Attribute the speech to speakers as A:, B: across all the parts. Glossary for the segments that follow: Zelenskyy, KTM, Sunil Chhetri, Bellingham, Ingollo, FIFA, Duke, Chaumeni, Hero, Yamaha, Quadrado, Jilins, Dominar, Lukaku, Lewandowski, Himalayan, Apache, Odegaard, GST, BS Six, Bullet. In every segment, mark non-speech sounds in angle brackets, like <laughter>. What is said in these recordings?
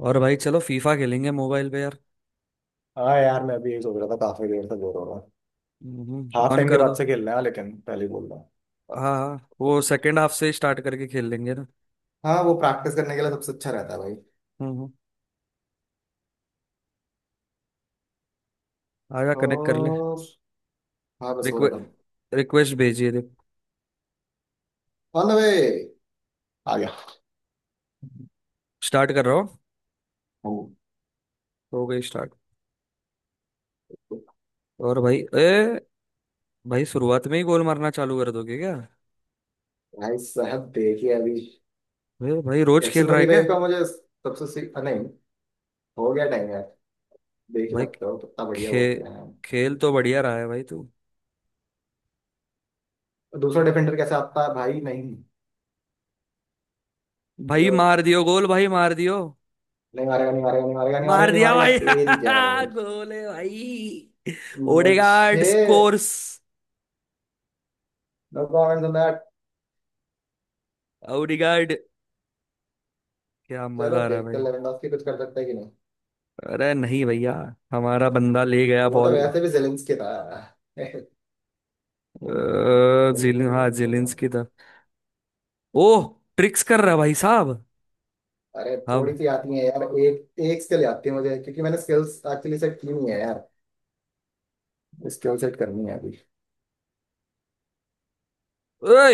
A: और भाई चलो फीफा खेलेंगे मोबाइल पे यार।
B: हाँ यार, मैं अभी यही सोच रहा था, काफी देर से बोर हो रहा हूँ।
A: हम्म,
B: हाफ
A: ऑन
B: टाइम के
A: कर दो।
B: बाद से खेलना है, लेकिन पहले ही बोल रहा हूँ।
A: हाँ हाँ, वो सेकंड हाफ से स्टार्ट करके खेल लेंगे ना।
B: हाँ, वो प्रैक्टिस करने के लिए सबसे अच्छा रहता है भाई।
A: हम्म हम्म, आजा कनेक्ट कर ले।
B: और हाँ, बस हो
A: रिक्वे
B: रहा था।
A: रिक्वेस्ट भेजिए देख।
B: On the way. आ गया।
A: स्टार्ट कर रहा हूँ।
B: हम।
A: हो गई स्टार्ट। और भाई ए, भाई शुरुआत में ही गोल मारना चालू कर दोगे क्या।
B: भाई साहब देखिए अभी
A: भाई भाई रोज खेल
B: एक्सएल
A: रहा है
B: ट्वेंटी
A: क्या।
B: फाइव का मुझे सबसे नहीं। हो गया टाइम यार। देख ही
A: भाई
B: सकते हो कितना बढ़िया
A: खे
B: वो किया है।
A: खेल तो बढ़िया रहा है भाई तू।
B: दूसरा डिफेंडर कैसे आता है भाई? नहीं, मुझे
A: भाई
B: बस
A: मार दियो गोल, भाई मार दियो।
B: नहीं मारेगा नहीं मारेगा नहीं मारेगा नहीं
A: मार
B: मारेगा नहीं
A: दिया
B: मारेगा,
A: भाई
B: तेरी जय हो।
A: <laughs> गोल है भाई। ओडेगार्ड
B: मुझे
A: स्कोर्स।
B: No comment.
A: ओडेगार्ड। क्या
B: चलो
A: मजा आ रहा है
B: देखते हैं
A: भाई।
B: लेवेंडोस्की कुछ कर सकता है कि नहीं।
A: अरे नहीं भैया, हमारा बंदा ले गया
B: वो तो
A: बॉल।
B: वैसे भी जेलेंस्की था। <laughs> नहीं नहीं, पकड़ लो
A: जिलिन,
B: पकड़ लो
A: हाँ
B: पकड़ लो।
A: जिलिंस की तरफ। ओह, ट्रिक्स कर रहा भाई साहब।
B: अरे
A: हम।
B: थोड़ी सी आती है यार, एक एक स्किल आती है मुझे क्योंकि मैंने स्किल्स एक्चुअली सेट की नहीं है यार। स्किल सेट करनी है अभी।
A: ओए,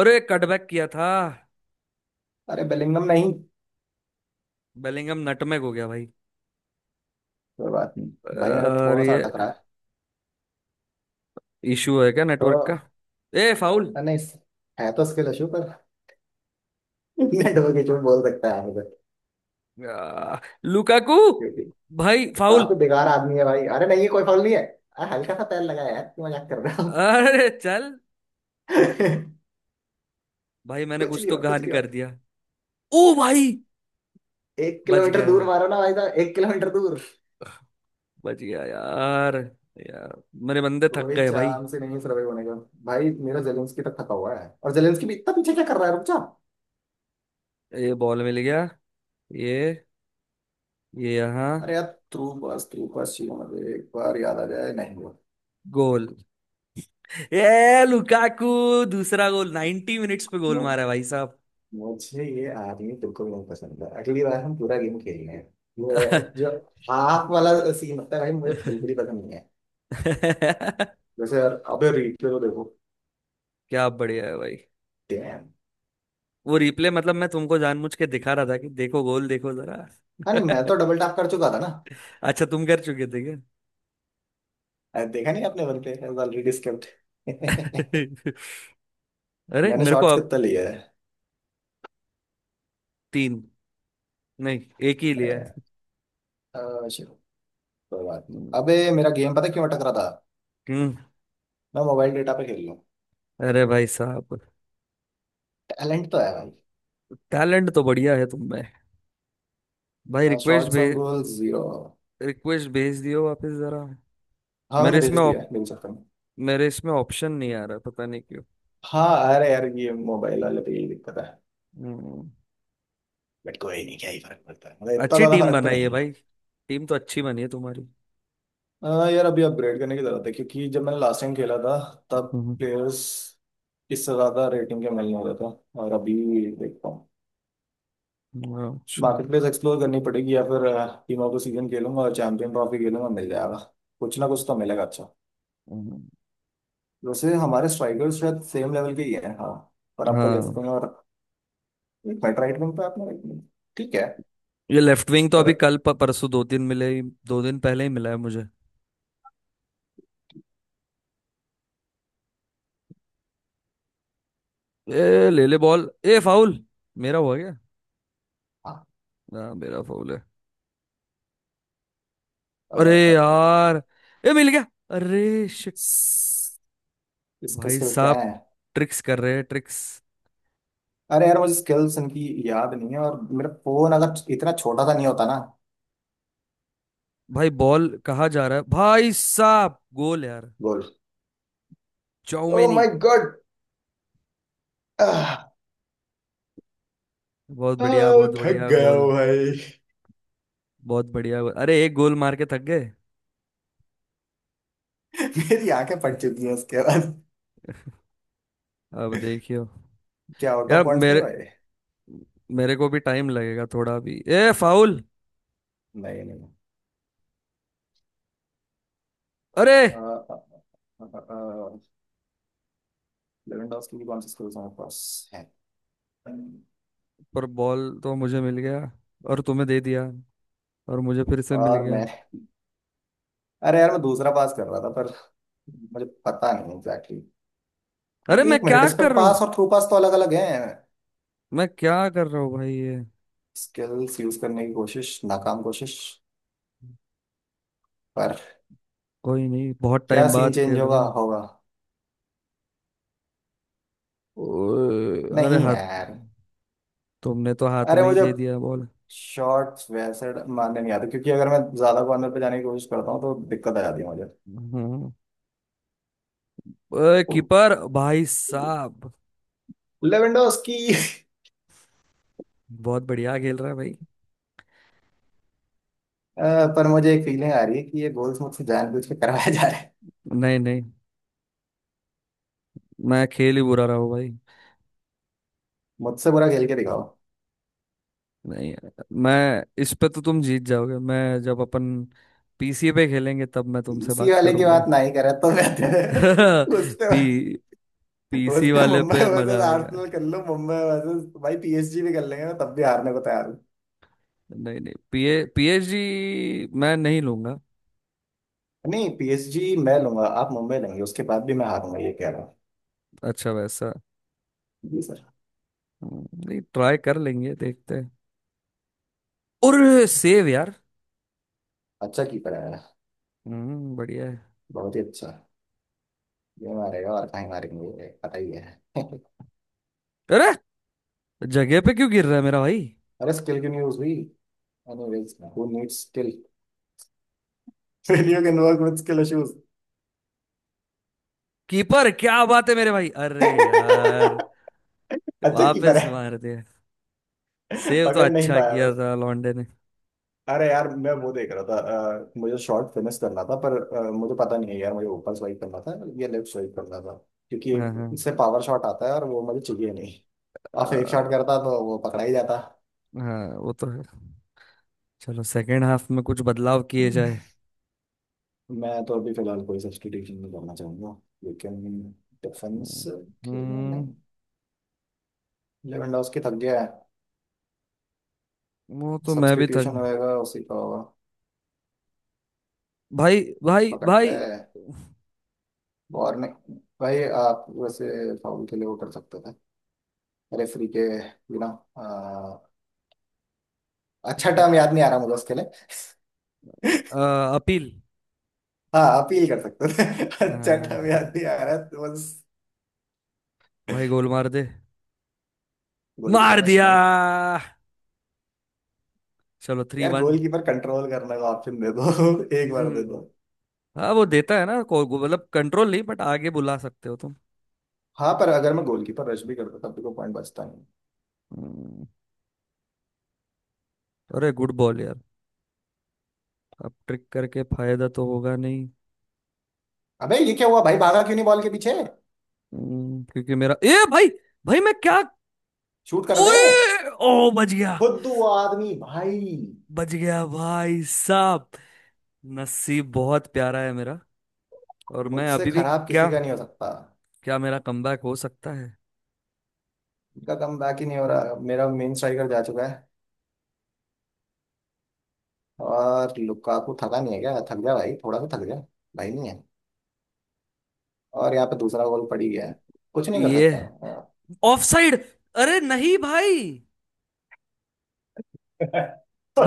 A: अरे कटबैक किया था।
B: अरे बेलिंगम नहीं।
A: बेलिंगम नटमेग हो गया भाई।
B: कोई बात नहीं। भाई मेरा
A: और
B: थोड़ा सा
A: ये
B: अटक रहा है
A: इशू है क्या
B: तो।
A: नेटवर्क का। ए फाउल।
B: नहीं, है तो स्किल इशू पर। <laughs> नेटवर्क इशू बोल सकता है मुझे।
A: आ, लुकाकू।
B: क्योंकि
A: भाई फाउल।
B: काफी बेकार आदमी है भाई। अरे नहीं ये कोई फॉल नहीं है, अरे हल्का सा पैर लगाया यार, क्यों मजाक कर रहा हूँ।
A: अरे चल
B: <laughs>
A: भाई, मैंने
B: कुछ
A: कुछ
B: नहीं
A: तो
B: हुआ, कुछ
A: गहान
B: नहीं हुआ।
A: कर दिया। ओ भाई,
B: एक
A: बच
B: किलोमीटर
A: गया।
B: दूर मारो ना भाई साहब, 1 किलोमीटर दूर।
A: बच गया यार। यार मेरे बंदे थक
B: कोई
A: गए भाई।
B: चांस ही नहीं सर्वाइव होने का। भाई मेरा जेलेंस्की तक थका हुआ है, और जेलेंस्की भी इतना पीछे क्या कर रहा है, रुक जा।
A: ये बॉल मिल गया। ये ये यहाँ।
B: अरे यार, थ्रू पास, थ्रू पास चाहिए मुझे, एक बार याद आ जाए, नहीं हुआ।
A: गोल! ये लुकाकू। दूसरा गोल, 90 मिनट्स पे गोल
B: मु-
A: मारा भाई साहब।
B: मुझे ये आदमी बिल्कुल नहीं पसंद है। अगली बार हम पूरा गेम खेलेंगे, ये जो
A: <laughs>
B: हाफ वाला सीन होता है भाई, मुझे बिल्कुल ही पसंद नहीं है।
A: क्या
B: जैसे यार, अबे replay तो देखो।
A: बढ़िया है भाई।
B: डैम।
A: वो रिप्ले मतलब मैं तुमको जानबूझ के दिखा रहा था कि देखो गोल, देखो जरा।
B: हाँ, नहीं मैं
A: <laughs>
B: तो डबल टैप कर चुका था ना।
A: अच्छा, तुम कर चुके थे क्या।
B: अरे, देखा नहीं आपने? वन पे ऑलरेडी स्किप्ड। <laughs>
A: <laughs> अरे
B: मैंने
A: मेरे को
B: शॉर्ट्स
A: अब।
B: कितना लिया
A: तीन, नहीं एक ही लिया है।
B: है? अ, चलो, कोई बात नहीं। अबे मेरा गेम पता है क्यों अटक रहा था?
A: हम्म।
B: मैं मोबाइल डेटा पे खेल रहा हूँ।
A: अरे भाई साहब,
B: टैलेंट तो है भाई।
A: टैलेंट तो बढ़िया है तुम में। भाई रिक्वेस्ट
B: शॉर्ट्स ऑन
A: भेज,
B: गोल 0।
A: रिक्वेस्ट भेज दियो वापस जरा।
B: हाँ मैंने
A: मेरे
B: भेज
A: इसमें
B: दिया
A: ऑप,
B: है, मिल सकता हूँ।
A: मेरे इसमें ऑप्शन नहीं आ रहा, पता नहीं क्यों।
B: हाँ अरे यार, ये मोबाइल वाले पे यही दिक्कत है।
A: हम्म।
B: बट कोई नहीं, क्या ही फर्क पड़ता है, मतलब इतना
A: अच्छी
B: ज्यादा
A: टीम
B: फर्क तो
A: बनाई है
B: नहीं
A: भाई। टीम तो अच्छी बनी है तुम्हारी।
B: पड़ता। यार अभी अपग्रेड करने की जरूरत है क्योंकि जब मैंने लास्ट टाइम खेला था, तब
A: हम्म।
B: प्लेयर्स इससे ज्यादा रेटिंग के मिलने वाला था। और अभी देखता हूँ,
A: अच्छा।
B: मार्केट प्लेस एक्सप्लोर करनी पड़ेगी या फिर टीमों को सीजन खेलूंगा और चैंपियन ट्रॉफी खेलूंगा, मिल जाएगा। कुछ ना कुछ तो मिलेगा अच्छा।
A: हम्म।
B: वैसे हमारे स्ट्राइकर्स शायद सेम लेवल के ही हैं, हाँ। पर आपका लेफ्ट
A: हाँ,
B: विंग और एक मिनट, राइट विंग पे आपने right wing। ठीक है।
A: ये लेफ्ट विंग तो
B: पर
A: अभी कल परसों, दो दिन पहले ही मिला है मुझे। ए ले ले बॉल। ए फाउल। मेरा हुआ क्या।
B: हाँ।
A: हाँ मेरा फाउल है।
B: अ,
A: अरे
B: अ, अ,
A: यार। ए मिल गया। अरे शिट।
B: स- इसके
A: भाई
B: स्किल्स क्या
A: साहब
B: हैं?
A: ट्रिक्स कर रहे हैं, ट्रिक्स।
B: अरे यार मुझे स्किल्स इनकी याद नहीं है, और मेरा फोन अगर इतना छोटा सा नहीं होता ना।
A: भाई बॉल कहाँ जा रहा है भाई साहब, गोल यार।
B: गोल! ओ
A: चौमेनी!
B: My God.
A: बहुत बढ़िया, बहुत
B: थक
A: बढ़िया
B: गया हूँ
A: गोल।
B: भाई।
A: बहुत बढ़िया गोल, अरे एक गोल मार के थक गए।
B: <laughs> मेरी आंखें फट चुकी हैं उसके बाद।
A: अब देखियो।
B: क्या आउट
A: यार
B: ऑफ पॉइंट्स नहीं
A: मेरे
B: भाई?
A: मेरे को भी टाइम लगेगा थोड़ा। भी ए फाउल।
B: नहीं नहीं।
A: अरे।
B: लेवेंडोस्की की कौन सी स्किल्स हमारे पास है?
A: पर बॉल तो मुझे मिल गया और तुम्हें दे दिया और मुझे फिर से मिल
B: और
A: गया।
B: मैं अरे यार, मैं दूसरा पास कर रहा था पर मुझे पता नहीं एग्जैक्टली
A: अरे
B: exactly.
A: मैं
B: एक मिनट,
A: क्या
B: इस पे
A: कर रहा
B: पास
A: हूँ।
B: और थ्रू पास तो अलग अलग हैं।
A: मैं क्या कर रहा हूँ भाई ये।
B: स्किल्स यूज करने की कोशिश, नाकाम कोशिश। पर
A: कोई नहीं, बहुत
B: क्या
A: टाइम
B: सीन
A: बाद
B: चेंज
A: खेल रहा
B: होगा,
A: हूँ।
B: होगा?
A: ओए, अरे
B: नहीं
A: हाथ।
B: यार।
A: तुमने तो हाथ
B: अरे
A: में ही
B: मुझे
A: दे दिया बॉल।
B: शॉर्ट्स वैसे मारने नहीं आते क्योंकि अगर मैं ज्यादा कॉर्नर पे जाने की कोशिश करता हूँ तो दिक्कत आ जाती है मुझे।
A: हम्म। ओए, कीपर भाई साहब
B: लेवेंडोस की।
A: बहुत बढ़िया खेल रहा है भाई।
B: अ, पर मुझे एक फीलिंग आ रही है कि ये गोल्स मुझसे जानबूझ के करवाया जा रहा है।
A: नहीं नहीं, मैं खेल ही बुरा रहा हूँ भाई।
B: मुझसे बुरा खेल के दिखाओ।
A: नहीं, मैं इस पे तो तुम जीत जाओगे। मैं जब अपन पीसी पे खेलेंगे, तब मैं तुमसे
B: इसी
A: बात
B: वाले की
A: करूंगा।
B: बात
A: <laughs>
B: नहीं करे तो बेहतर। <laughs> उस पे
A: पी
B: उस
A: पीसी
B: पे
A: वाले
B: मुंबई
A: पे मजा
B: वर्सेस
A: आएगा।
B: आर्सेनल कर लो, मुंबई वर्सेस, भाई पीएसजी भी कर लेंगे, मैं तब भी हारने को तैयार हूँ।
A: नहीं नहीं, पीएचडी मैं नहीं लूंगा।
B: नहीं पीएसजी मैं लूंगा, आप मुंबई लेंगे, उसके बाद भी मैं हारूंगा ये कह रहा हूँ।
A: अच्छा वैसा।
B: जी सर।
A: नहीं ट्राई कर लेंगे, देखते हैं। और सेव यार।
B: अच्छा कीपर है।
A: हम्म, बढ़िया है।
B: बहुत ही अच्छा। ये मारेगा और कहीं मारेंगे ये पता ही है। <laughs>
A: अरे जगह पे क्यों गिर रहा है मेरा भाई।
B: अरे स्किल की न्यूज हुई। Anyways who needs skill. Failure can work with skill issues.
A: Keeper क्या बात है मेरे भाई। अरे यार,
B: <laughs> अच्छा कीपर
A: वापस
B: है।
A: मार दिया। सेव तो
B: पकड़ नहीं
A: अच्छा
B: पाया।
A: किया था लॉन्डे ने।
B: अरे यार मैं वो देख रहा था। मुझे शॉर्ट फिनिश करना था पर मुझे पता नहीं है यार, मुझे ऊपर स्वाइप करना था या लेफ्ट स्वाइप करना था, क्योंकि
A: हाँ
B: एक
A: हाँ।
B: इससे पावर शॉट आता है और वो मुझे चाहिए नहीं। और फेक
A: अ,
B: शॉट करता तो वो पकड़ा ही जाता।
A: हाँ वो तो है। चलो सेकेंड हाफ में कुछ बदलाव
B: <laughs>
A: किए
B: हम्म।
A: जाए।
B: मैं तो अभी फिलहाल कोई सब्स्टिट्यूशन नहीं करना चाहूंगा, लेकिन डिफेंस खेलना
A: हम्म।
B: नहीं। लेवेंडोस्की थक गया है,
A: वो तो मैं भी
B: सब्स्टिट्यूशन
A: थक।
B: होएगा उसी का होगा।
A: भाई भाई
B: पकड़ ले।
A: भाई।
B: और नहीं। भाई आप वैसे फाउल के लिए वो कर सकते थे, रेफरी के बिना।
A: अ,
B: अच्छा टर्म याद नहीं आ रहा मुझे उसके लिए।
A: अपील।
B: हाँ अपील कर सकते थे। <laughs> अच्छा
A: अ,
B: टर्म याद नहीं आ रहा तो बस।
A: भाई गोल मार दे।
B: गोलकीपर
A: मार
B: रश
A: दिया।
B: नहीं।
A: चलो थ्री
B: यार
A: वन।
B: गोलकीपर कंट्रोल करने का ऑप्शन दे दो। <laughs> एक बार दे
A: हम्म,
B: दो।
A: हाँ वो देता है ना मतलब कंट्रोल नहीं, बट आगे बुला सकते हो तुम।
B: हाँ, पर अगर मैं गोलकीपर रश भी करता तब भी कोई पॉइंट बचता नहीं।
A: हम्म। अरे गुड बॉल यार। अब ट्रिक करके फायदा तो होगा नहीं।
B: अबे ये क्या हुआ भाई, भागा क्यों नहीं बॉल के पीछे?
A: क्योंकि मेरा ए भाई। भाई मैं क्या।
B: शूट कर दे।
A: ओए ओ, बच गया।
B: खुद वो आदमी भाई।
A: बच गया भाई साहब। नसीब बहुत प्यारा है मेरा। और मैं
B: मुझसे
A: अभी भी।
B: खराब
A: क्या,
B: किसी का नहीं हो सकता।
A: क्या मेरा कमबैक हो सकता है।
B: इनका कम बैक ही नहीं हो रहा, मेरा मेन स्ट्राइकर जा चुका है। और लुकाकू थका नहीं है क्या, थक जा भाई थोड़ा सा, थक जा भाई। नहीं है। और यहाँ पे दूसरा गोल पड़ ही गया है, कुछ नहीं कर
A: ये
B: सकता। हाँ।
A: Offside. अरे नहीं भाई।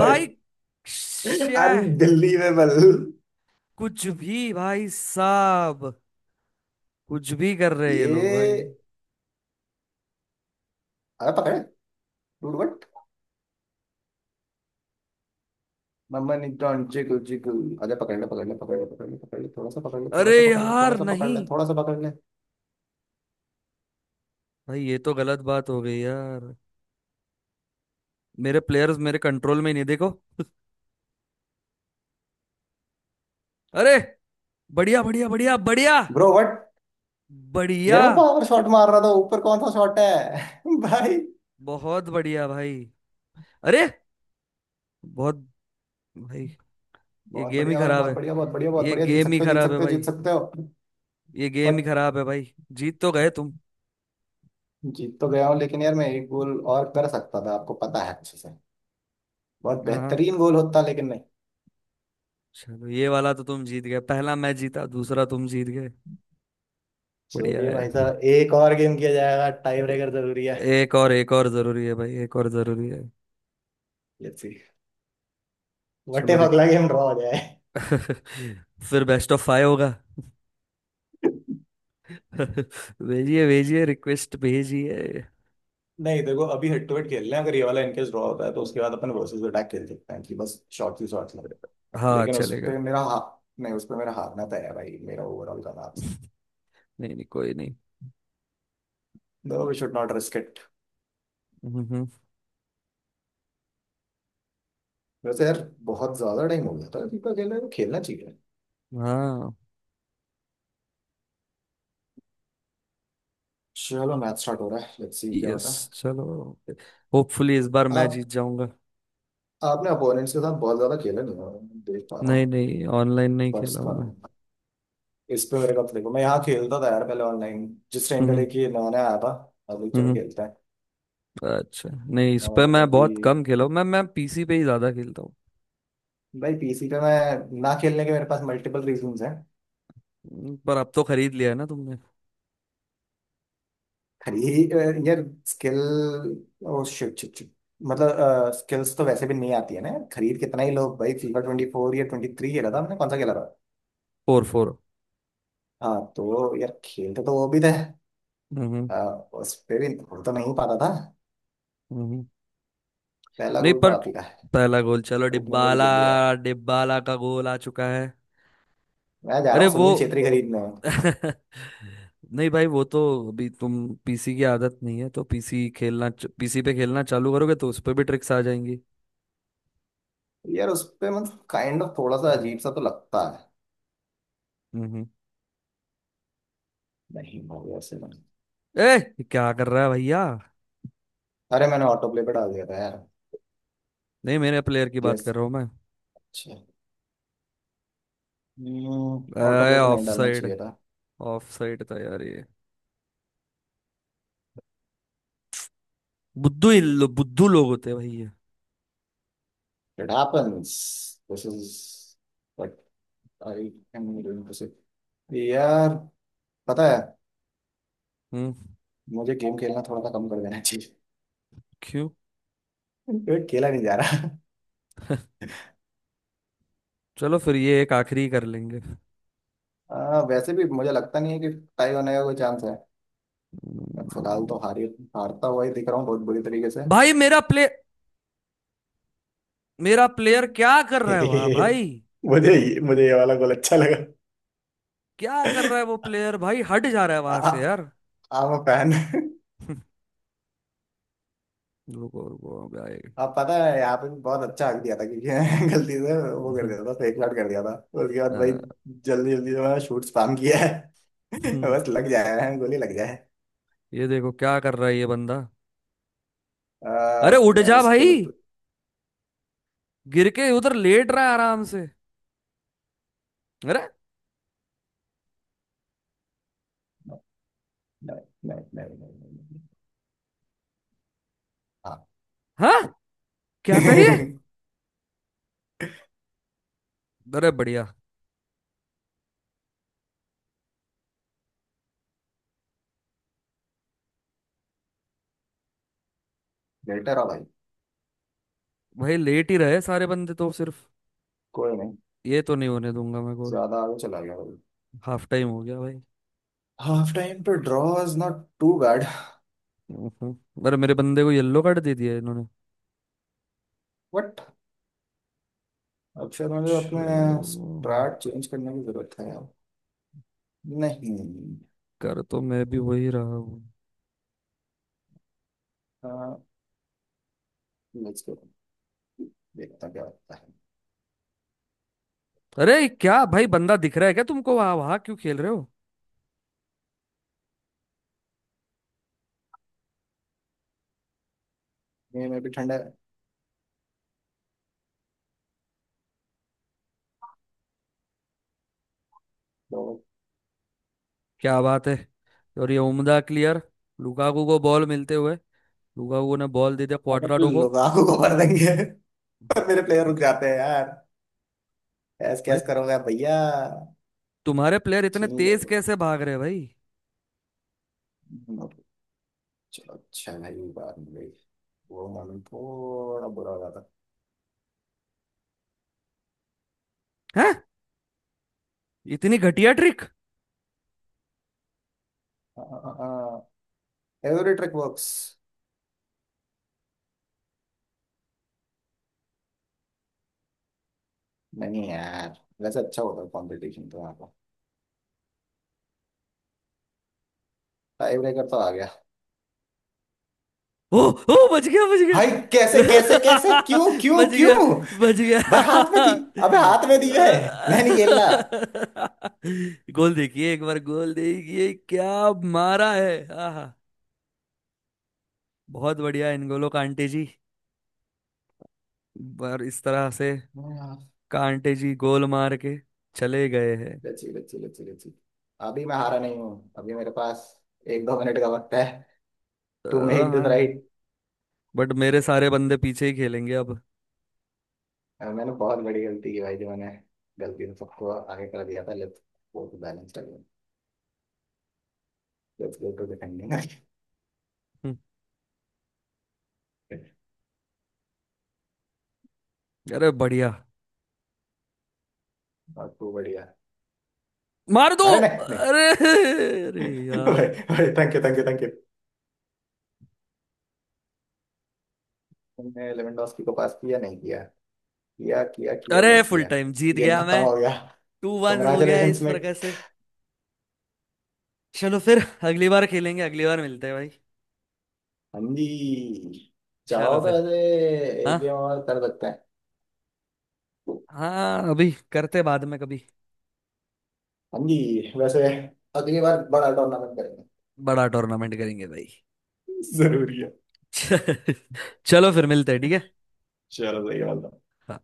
A: भाई श्या।
B: I'm believable.
A: कुछ भी भाई साहब, कुछ भी कर रहे हैं ये लोग भाई।
B: ये अरे पकड़े। टूट बट मम्मा न्यूट्रॉन जिगल जिगल। अरे पकड़ ले पकड़ ले पकड़ ले पकड़ ले पकड़ ले, थोड़ा सा पकड़ ले, थोड़ा
A: अरे
B: सा पकड़ ले, थोड़ा
A: यार
B: सा पकड़
A: नहीं।
B: ले, थोड़ा सा पकड़ ले।
A: भाई ये तो गलत बात हो गई यार। मेरे प्लेयर्स मेरे कंट्रोल में ही नहीं, देखो। अरे, बढ़िया बढ़िया बढ़िया बढ़िया।
B: ब्रो बट यार,
A: बढ़िया।
B: मैं पावर शॉट मार रहा था, ऊपर कौन सा शॉट है? <laughs> भाई,
A: बहुत बढ़िया भाई। अरे, बहुत। भाई ये
B: बहुत
A: गेम ही
B: बढ़िया भाई,
A: खराब
B: बहुत
A: है।
B: बढ़िया, बहुत बढ़िया, बहुत
A: ये
B: बढ़िया, जीत
A: गेम ही
B: सकते हो जीत
A: खराब है
B: सकते हो जीत
A: भाई।
B: सकते हो।
A: ये गेम ही
B: बट
A: खराब है भाई। जीत तो गए तुम।
B: जीत तो गया हूँ, लेकिन यार मैं एक गोल और कर सकता था आपको पता है अच्छे से। बहुत
A: हाँ हाँ,
B: बेहतरीन गोल होता लेकिन नहीं।
A: चलो ये वाला तो तुम जीत गए। पहला मैं जीता, दूसरा तुम जीत गए। बढ़िया
B: चलिए
A: है।
B: भाई साहब एक और गेम किया जाएगा, टाई
A: ए-
B: ब्रेकर जरूरी है।
A: एक और, एक और जरूरी है भाई, एक और जरूरी है।
B: लेट्स सी व्हाट
A: चलो
B: इफ
A: रिक...
B: अगला गेम ड्रॉ हो जाए।
A: <laughs> फिर बेस्ट ऑफ फाइव होगा। <laughs> भेजिए भेजिए, रिक्वेस्ट भेजिए।
B: नहीं देखो, अभी हेड टू हेड खेल रहे हैं, अगर ये वाला इनकेस ड्रॉ होता है तो उसके बाद अपन वर्सेस अटैक खेल सकते हैं कि बस शॉर्ट ही शॉर्ट लेंगे।
A: हाँ
B: लेकिन उस
A: चलेगा।
B: पे मेरा हा, नहीं उस पे मेरा हारना तय है भाई, मेरा ओवरऑल का मैच।
A: <laughs> नहीं नहीं, कोई नहीं।
B: No we should not risk it.
A: हम्म, हम्म।
B: वैसे यार, बहुत ज्यादा टाइम हो गया था, दीपा खेल रहे हैं, खेलना चाहिए।
A: हाँ।
B: चलो मैच स्टार्ट हो रहा है, लेट्स सी क्या
A: यस,
B: होता है।
A: चलो। होपफुली इस बार मैं जीत
B: आप,
A: जाऊंगा।
B: आपने अपोनेंट्स के साथ बहुत ज्यादा खेला नहीं है, मैं देख पा रहा
A: नहीं
B: हूँ।
A: नहीं, ऑनलाइन नहीं
B: पर्स
A: खेला हूं
B: का
A: मैं।
B: इस पे मेरे को अब देखो, मैं यहाँ खेलता था यार पहले, ऑनलाइन, जिस टाइम
A: हम्म।
B: पहले कि नया आया था। अभी चलो
A: हम्म।
B: खेलते हैं।
A: अच्छा। नहीं, इस पे
B: और
A: मैं
B: अभी
A: बहुत कम खेला हूँ, मैं पीसी पे ही ज्यादा खेलता हूँ।
B: भाई, पीसी पे मैं ना खेलने के मेरे पास मल्टीपल रीजंस हैं।
A: पर अब तो खरीद लिया है ना तुमने।
B: खरी यार skill, oh shit shit shit. मतलब स्किल्स तो वैसे भी नहीं आती है ना यार, खरीद कितना ही लोग। भाई फीफा 24 या 23 खेला था हमने, कौन सा खेला था?
A: Four, four.
B: हाँ तो यार, खेलते तो वो भी थे।
A: हम्म।
B: आ, उस पे भी गोल तो नहीं पाता था।
A: हम्म।
B: पहला
A: नहीं,
B: गोल तो
A: पर
B: आप ही का है।
A: पहला गोल चलो
B: ओपनिंग गोल
A: डिब्बाला।
B: जल्दी आया।
A: डिब्बाला का गोल आ चुका है।
B: मैं जा रहा
A: अरे
B: हूँ
A: वो
B: सुनील छेत्री खरीदने।
A: <laughs> नहीं भाई वो तो, अभी तुम पीसी की आदत नहीं है तो पीसी खेलना। पीसी पे खेलना चालू करोगे तो उस पे भी ट्रिक्स आ जाएंगी।
B: यार उस पे मतलब काइंड ऑफ थोड़ा सा अजीब सा तो लगता है।
A: हम्म।
B: नहीं हो गया से नहीं।
A: ए, क्या कर रहा है भैया।
B: अरे मैंने ऑटो प्ले पे डाल दिया था यार।
A: नहीं, मेरे प्लेयर की बात
B: यस।
A: कर रहा हूँ मैं।
B: अच्छा। ऑटो
A: अरे
B: प्ले पे
A: ऑफ
B: नहीं डालना
A: साइड।
B: चाहिए था।
A: ऑफ साइड था यार ये। बुद्धू ही लो, बुद्धू लोग होते हैं भैया।
B: It happens. This is what I am doing to say. यार पता है,
A: हम्म।
B: मुझे गेम खेलना थोड़ा सा कम कर देना चाहिए।
A: क्यों।
B: <laughs> क्योंकि खेला नहीं जा रहा।
A: चलो फिर ये एक आखिरी कर लेंगे।
B: वैसे भी मुझे लगता नहीं है कि टाई होने का कोई चांस है। मैं फिलहाल तो हारी, हारता हुआ ही दिख रहा हूँ बहुत बुरी तरीके से।
A: भाई मेरा प्ले मेरा प्लेयर क्या कर रहा है वहां भाई।
B: <laughs> मुझे मुझे ये वाला गोल अच्छा लगा।
A: क्या कर रहा है वो प्लेयर भाई, हट जा रहा है
B: <laughs>
A: वहां से
B: आई
A: यार। <laughs>
B: Am fan.
A: रुको रुको भाई।
B: आप पता है यहाँ पे भी बहुत अच्छा हक दिया था क्योंकि मैं <laughs> गलती से वो कर
A: हम्म,
B: दिया था, फेक शॉट कर दिया था। उसके बाद भाई,
A: अ,
B: जल्दी जल्दी से मैंने शूट स्पैम किया है। <laughs>
A: हम्म,
B: बस लग जाए, गोली लग जाए।
A: ये देखो क्या कर रहा है ये बंदा।
B: आ,
A: अरे उठ
B: मैं
A: जा
B: इसके
A: भाई,
B: लिए तो-
A: गिर के उधर लेट रहा है आराम से। अरे।
B: नहीं नहीं नहीं नहीं नहीं, नहीं। हाँ।
A: हाँ। क्या था ये। अरे बढ़िया।
B: <laughs> बेटर है भाई।
A: भाई लेट ही रहे सारे बंदे तो सिर्फ,
B: कोई नहीं,
A: ये तो नहीं होने दूंगा मैं गोल।
B: ज्यादा आगे चला गया भाई।
A: हाफ टाइम हो गया भाई।
B: हाफ टाइम पे draw is not too bad.
A: हम्म। अरे मेरे बंदे को येलो कार्ड दे दिया इन्होंने।
B: बट अब शायद मुझे अपने
A: चलो,
B: स्टार्ट चेंज करने की जरूरत है यार। नहीं
A: कर तो मैं भी वही रहा हूँ।
B: लेट्स गो, देखता क्या होता है।
A: अरे क्या भाई, बंदा दिख रहा है क्या तुमको, वहां वहां क्यों खेल रहे हो।
B: नहीं मैं भी ठंडा है तो।
A: क्या बात है, और ये उम्दा क्लियर। लुकाकू को बॉल मिलते हुए, लुकाकू ने बॉल दे दिया
B: अरे
A: क्वाड्राडो को।
B: लुगाको को भर देंगे। <laughs> पर मेरे प्लेयर रुक जाते हैं यार। ऐस
A: भाई
B: कैस करोगे भैया?
A: तुम्हारे प्लेयर इतने
B: छीन लो।
A: तेज कैसे भाग रहे हैं भाई।
B: चलो अच्छा भाई बात नहीं गई, वो मालूम थोड़ा बुरा हो जाता।
A: हैं, इतनी घटिया ट्रिक।
B: Every trick works. नहीं यार, वैसे अच्छा होता है कंपटीशन तो, यहाँ पर टाई ब्रेकर तो आ गया।
A: ओ ओ, बच गया। बच गया।
B: भाई कैसे कैसे कैसे क्यों
A: <laughs>
B: क्यों
A: बच गया।
B: क्यों।
A: बच गया।
B: भाई हाथ में थी, अबे हाथ में दी है। मैं नहीं खेलना।
A: <laughs> गोल देखिए एक बार, गोल देखिए क्या मारा है। आहा, बहुत बढ़िया इनगोलो कांटे जी, बार इस तरह से कांटे जी गोल मार के चले गए हैं।
B: Let's see let's see let's see let's see. अभी मैं हारा नहीं हूँ, अभी मेरे पास एक दो मिनट का वक्त है, टू मेक दिस
A: हाँ,
B: राइट।
A: बट मेरे सारे बंदे पीछे ही खेलेंगे अब।
B: मैंने बहुत बड़ी गलती की भाई जो मैंने गलती से सबको आगे कर दिया था, let's go to balanced again, let's go to defending.
A: हम्म, अरे बढ़िया।
B: और टू बढ़िया।
A: मार दो।
B: अरे नहीं नहीं।
A: अरे <laughs> अरे
B: भाई
A: यार।
B: भाई, thank you thank you thank you. तुमने लेवेंडोस्की को पास किया, नहीं किया, किया किया किया, नहीं
A: अरे फुल
B: किया।
A: टाइम जीत
B: गेम
A: गया
B: खत्म
A: मैं।
B: हो गया।
A: टू वन हो गया
B: कॉन्ग्रेचुलेशन
A: इस
B: मेट।
A: प्रकार से। चलो फिर, अगली बार खेलेंगे, अगली बार मिलते हैं भाई।
B: हाँ जी।
A: चलो
B: चाहो तो
A: फिर।
B: ऐसे एक गेम
A: हाँ।
B: और कर सकते हैं।
A: हाँ अभी करते बाद में कभी।
B: हाँ जी, वैसे अगली बार बड़ा टूर्नामेंट करेंगे,
A: बड़ा टूर्नामेंट करेंगे भाई।
B: जरूरी है।
A: <laughs> चलो फिर मिलते हैं, ठीक
B: चलो सही बात है।
A: है।